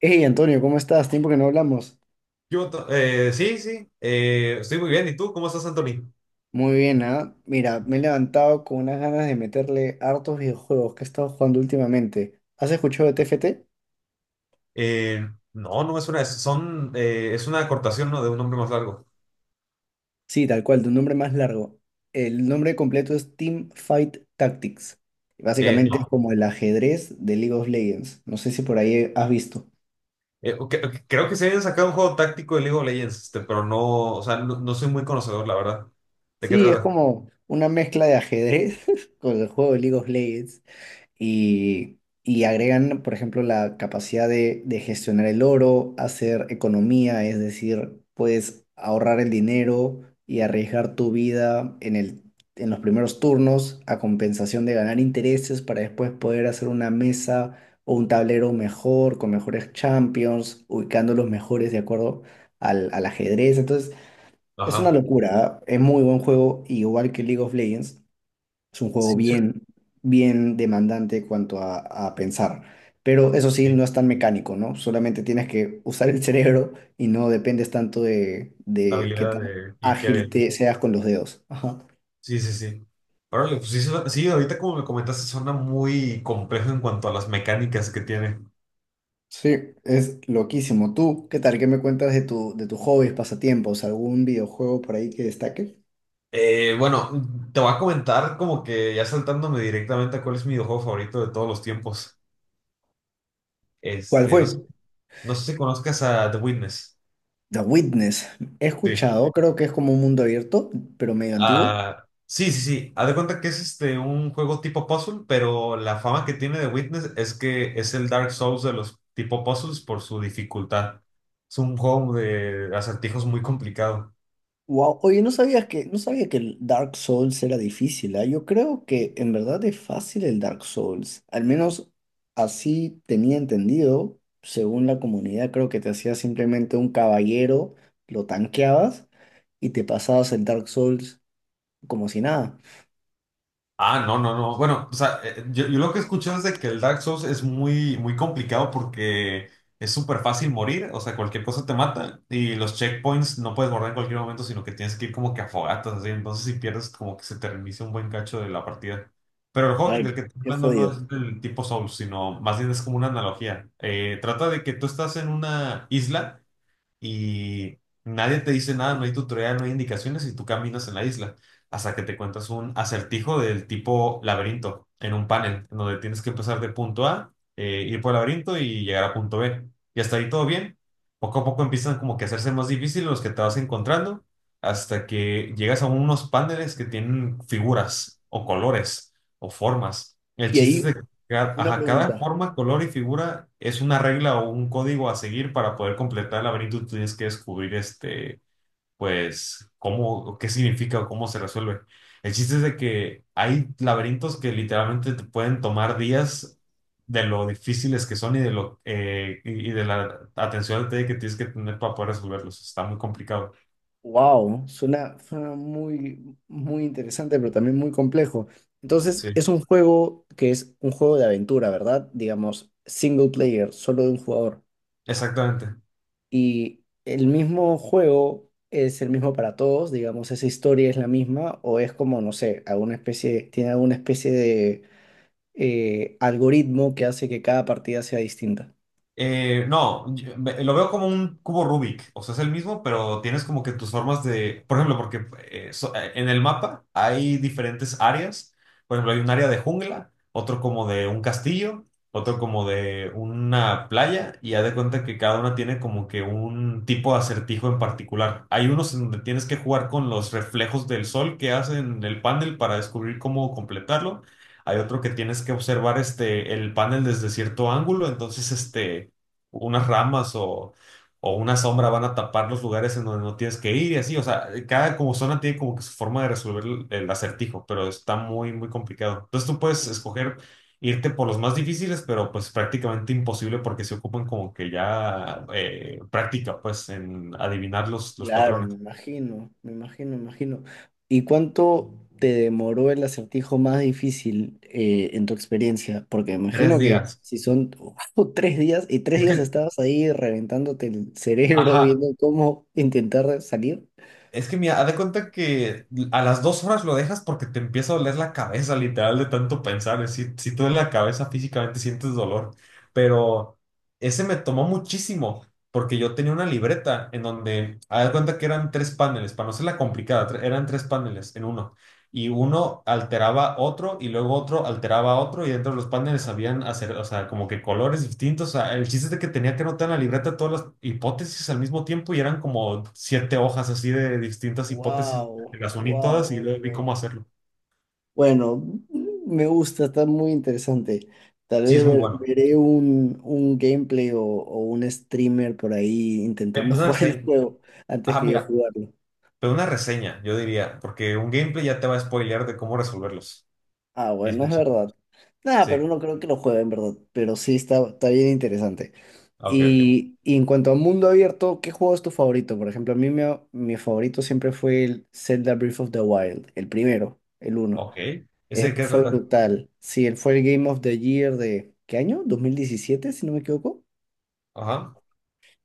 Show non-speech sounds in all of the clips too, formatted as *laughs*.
Hey Antonio, ¿cómo estás? Tiempo que no hablamos. Sí, sí, estoy muy bien. ¿Y tú cómo estás, Anthony? Muy bien, ¿ah? Mira, me he levantado con unas ganas de meterle hartos videojuegos que he estado jugando últimamente. ¿Has escuchado de TFT? Eh, no, son, es una acortación, ¿no? De un nombre más largo. Sí, tal cual, de un nombre más largo. El nombre completo es Team Fight Tactics. Básicamente es No, como el ajedrez de League of Legends. No sé si por ahí has visto. Ok, creo que se habían sacado un juego táctico de League of Legends, este, pero no, o sea, no, no soy muy conocedor, la verdad. ¿De qué Sí, es trata? como una mezcla de ajedrez *laughs* con el juego de League of Legends. Y agregan, por ejemplo, la capacidad de gestionar el oro, hacer economía, es decir, puedes ahorrar el dinero y arriesgar tu vida en los primeros turnos a compensación de ganar intereses para después poder hacer una mesa o un tablero mejor, con mejores champions, ubicando los mejores de acuerdo al ajedrez. Entonces, es una Ajá. locura, ¿ah? Es muy buen juego, igual que League of Legends. Es un juego Sí, sí. Ok. Bien demandante cuanto a pensar. Pero eso sí, no es tan mecánico, ¿no? Solamente tienes que usar el cerebro y no dependes tanto La de qué habilidad tan de. ¿Y qué ágil había? te seas con los dedos. Ajá. Sí, sí, sí. Órale, pues sí, sí, ahorita como me comentaste, suena muy complejo en cuanto a las mecánicas que tiene. Sí, es loquísimo. ¿Tú qué tal? ¿Qué me cuentas de de tus hobbies, pasatiempos? ¿Algún videojuego por ahí que destaque? Bueno, te voy a comentar como que ya saltándome directamente a cuál es mi videojuego favorito de todos los tiempos. ¿Cuál Este, fue? No sé si conozcas a The Witness. The Witness. He Sí. escuchado, creo que es como un mundo abierto, pero medio antiguo. Ah, sí, sí, sí. Haz de cuenta que es este un juego tipo puzzle, pero la fama que tiene The Witness es que es el Dark Souls de los tipo puzzles por su dificultad. Es un juego de acertijos muy complicado. Wow, oye, no sabía que el Dark Souls era difícil, ¿ah? Yo creo que en verdad es fácil el Dark Souls, al menos así tenía entendido, según la comunidad, creo que te hacías simplemente un caballero, lo tanqueabas y te pasabas el Dark Souls como si nada. Ah, no, no, no. Bueno, o sea, yo lo que he es de que el Dark Souls es muy, muy complicado porque es súper fácil morir, o sea, cualquier cosa te mata y los checkpoints no puedes borrar en cualquier momento, sino que tienes que ir como que a fogatas, así. Entonces, si pierdes, como que se te reinicia un buen cacho de la partida. Pero el juego Ay, del que estoy qué hablando no jodido. es del tipo Souls, sino más bien es como una analogía. Trata de que tú estás en una isla y nadie te dice nada, no hay tutorial, no hay indicaciones y tú caminas en la isla hasta que te cuentas un acertijo del tipo laberinto en un panel, en donde tienes que empezar de punto A, ir por el laberinto y llegar a punto B. Y hasta ahí todo bien. Poco a poco empiezan como que a hacerse más difíciles los que te vas encontrando hasta que llegas a unos paneles que tienen figuras o colores o formas. El Y chiste es ahí, de. Una Ajá, cada pregunta. forma, color y figura es una regla o un código a seguir para poder completar el laberinto. Tú tienes que descubrir este, pues, cómo, qué significa o cómo se resuelve. El chiste es de que hay laberintos que literalmente te pueden tomar días de lo difíciles que son y de lo y de la atención al detalle que tienes que tener para poder resolverlos. Está muy complicado. Wow, suena, suena muy, muy interesante, pero también muy complejo. Entonces, Sí, es un juego que es un juego de aventura, ¿verdad? Digamos, single player, solo de un jugador. exactamente. Y el mismo juego es el mismo para todos, digamos, esa historia es la misma, o es como, no sé, alguna especie, tiene alguna especie de algoritmo que hace que cada partida sea distinta. No, lo veo como un cubo Rubik, o sea, es el mismo, pero tienes como que tus formas de, por ejemplo, porque en el mapa hay diferentes áreas, por ejemplo, hay un área de jungla, otro como de un castillo, otro como de una playa, y haz de cuenta que cada una tiene como que un tipo de acertijo en particular. Hay unos en donde tienes que jugar con los reflejos del sol que hacen el panel para descubrir cómo completarlo. Hay otro que tienes que observar este, el panel desde cierto ángulo, entonces este unas ramas o una sombra van a tapar los lugares en donde no tienes que ir y así. O sea, cada como zona tiene como que su forma de resolver el acertijo, pero está muy, muy complicado. Entonces tú puedes escoger irte por los más difíciles, pero pues prácticamente imposible porque se ocupan como que ya práctica, pues, en adivinar los Claro, patrones. me imagino, me imagino, me imagino. ¿Y cuánto te demoró el acertijo más difícil en tu experiencia? Porque me Tres imagino que días. si son *laughs* tres días y tres Es días que estabas ahí reventándote el cerebro *laughs* Ajá. viendo cómo intentar salir. Es que mira, haz de cuenta que a las 2 horas lo dejas porque te empieza a doler la cabeza, literal, de tanto pensar. Si tú en la cabeza físicamente sientes dolor. Pero ese me tomó muchísimo porque yo tenía una libreta en donde, haz de cuenta que eran tres paneles, para no ser la complicada, eran tres paneles en uno y uno alteraba otro y luego otro alteraba otro y dentro de los paneles habían hacer, o sea, como que colores distintos. O sea, el chiste es de que tenía que anotar en la libreta todas las hipótesis al mismo tiempo y eran como siete hojas así de distintas hipótesis. Wow, Las uní todas y wow, luego vi wow. cómo hacerlo. Bueno, me gusta, está muy interesante. Tal Sí, vez es muy bueno. veré un gameplay o un streamer por ahí intentando Pues, *laughs* una jugar el reseña. juego antes Ah, que yo mira, jugarlo. pero una reseña, yo diría, porque un gameplay ya te va a spoilear de cómo resolverlos. Ah, Y es bueno, el es chiste. verdad. Nada, Sí. pero no creo que lo juegue, en verdad. Pero sí está bien interesante. Ah, ok, ok. Y en cuanto a mundo abierto, ¿qué juego es tu favorito? Por ejemplo, mi favorito siempre fue el Zelda Breath of the Wild, el primero, el uno. Ok. ¿Ese de qué Fue trata? brutal. Sí, él fue el Game of the Year de, ¿qué año? 2017, si no me equivoco. Ajá.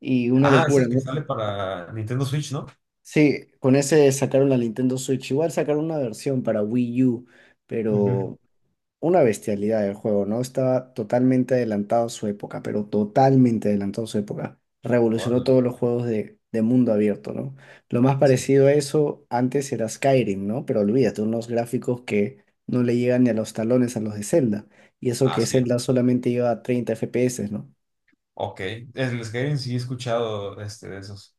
Y una Ah, es locura, el que ¿no? sale para Nintendo Switch, ¿no? Sí, con ese sacaron la Nintendo Switch. Igual sacaron una versión para Wii U, Ujú. pero una bestialidad del juego, ¿no? Estaba totalmente adelantado a su época, pero totalmente adelantado a su época. Revolucionó Órale. todos los juegos de mundo abierto, ¿no? Lo más Sí. parecido a eso antes era Skyrim, ¿no? Pero olvídate, unos gráficos que no le llegan ni a los talones a los de Zelda. Y eso Ah, que sí. Zelda solamente iba a 30 FPS, ¿no? Ok. El Skyrim sí he escuchado este, de esos.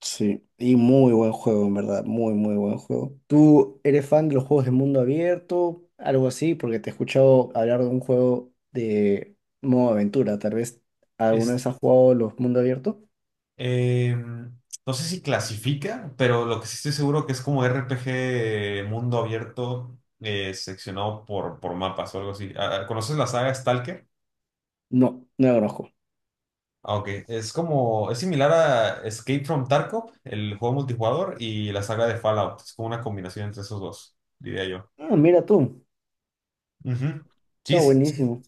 Sí, y muy buen juego, en verdad, muy, muy buen juego. ¿Tú eres fan de los juegos de mundo abierto? Algo así, porque te he escuchado hablar de un juego de modo aventura. Tal vez alguna Es, vez has jugado los mundo abierto. eh, no sé si clasifica, pero lo que sí estoy seguro que es como RPG mundo abierto seccionado por mapas o algo así. Ah, ah, ¿conoces la saga Stalker? No, no lo conozco. Ah, ok. Es como, es similar a Escape from Tarkov, el juego multijugador, y la saga de Fallout. Es como una combinación entre esos dos, diría yo. Ah, mira tú, Ujú. está Sí, son buenísimo,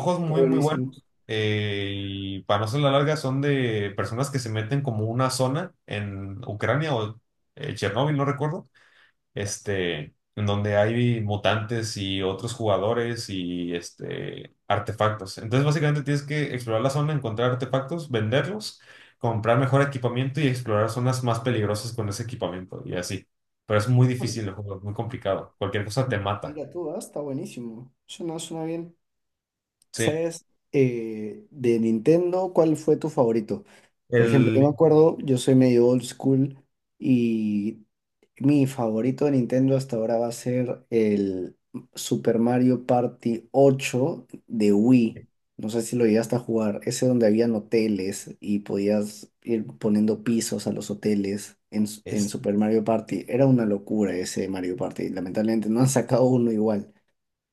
juegos está muy, muy buenísimo. buenos. Y para no hacer la larga, son de personas que se meten como una zona en Ucrania o Chernóbil, no recuerdo. Este, en donde hay mutantes y otros jugadores y este, artefactos. Entonces, básicamente tienes que explorar la zona, encontrar artefactos, venderlos, comprar mejor equipamiento y explorar zonas más peligrosas con ese equipamiento y así. Pero es muy Bueno, difícil el juego, es muy complicado. Cualquier cosa te mata. mira tú, ah, está buenísimo. Suena, suena bien. Sí. ¿Sabes, de Nintendo, cuál fue tu favorito? Por ejemplo, yo me El. acuerdo, yo soy medio old school y mi favorito de Nintendo hasta ahora va a ser el Super Mario Party 8 de Wii. No sé si lo llegaste a jugar. Ese donde habían hoteles y podías ir poniendo pisos a los hoteles en Super Mario Party. Era una locura ese Mario Party. Lamentablemente no han sacado uno igual.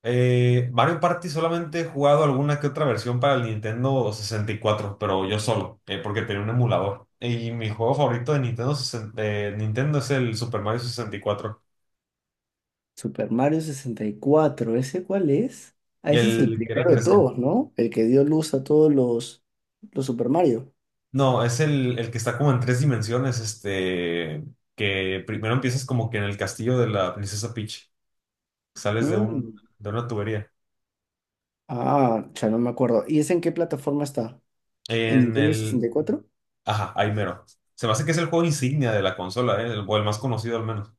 Mario Party solamente he jugado alguna que otra versión para el Nintendo 64, pero yo solo, porque tenía un emulador. Y mi juego favorito de Nintendo, es el Super Mario 64, Super Mario 64, ¿ese cuál es? Ah, ese es el el que era primero de 3D. todos, ¿no? El que dio luz a todos los Super Mario. No, es el que está como en tres dimensiones, este, que primero empiezas como que en el castillo de la princesa Peach, sales Mm. de una tubería. Ah, ya no me acuerdo. ¿Y ese en qué plataforma está? ¿En En Nintendo el, 64? ajá, ahí mero. Se me hace que es el juego insignia de la consola, o el más conocido al menos.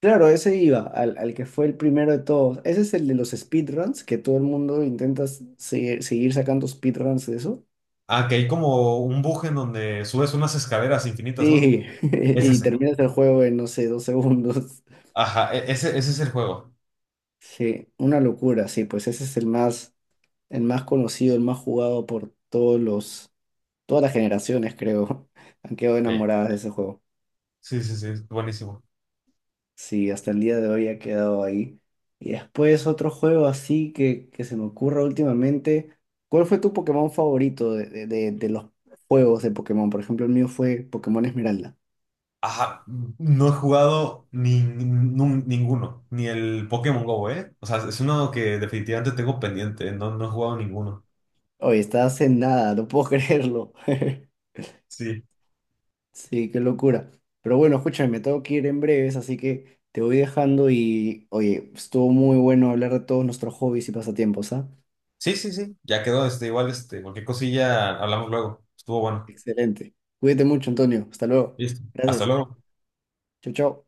Claro, ese iba, al que fue el primero de todos. Ese es el de los speedruns, que todo el mundo intenta seguir, sacando speedruns de eso. Ah, que hay como un buje en donde subes unas escaleras infinitas, ¿no? Sí, *laughs* Es y ese. terminas el juego en, no sé, dos segundos. *laughs* Ajá, ese es el juego. Sí, una locura, sí, pues ese es el más conocido, el más jugado por todos los, todas las generaciones, creo, *laughs* han quedado Ok. enamoradas de ese juego. Sí, sí, sí, es buenísimo. Sí, hasta el día de hoy ha quedado ahí. Y después otro juego así que se me ocurra últimamente. ¿Cuál fue tu Pokémon favorito de los juegos de Pokémon? Por ejemplo, el mío fue Pokémon Esmeralda. Ajá, no he jugado ni, nun- ninguno, ni el Pokémon Go, ¿eh? O sea, es uno que definitivamente tengo pendiente, no, no he jugado ninguno. Oye, estás en nada, no puedo *laughs* creerlo. *laughs* Sí. Sí, qué locura. Pero bueno, escúchame, me tengo que ir en breves, así que te voy dejando y, oye, estuvo muy bueno hablar de todos nuestros hobbies y pasatiempos, ¿ah? Sí, sí, sí, ya quedó, este, igual, este, cualquier cosilla hablamos luego. Estuvo bueno. Excelente. Cuídate mucho, Antonio. Hasta luego. Listo. Hasta Gracias. luego. Chau, chau.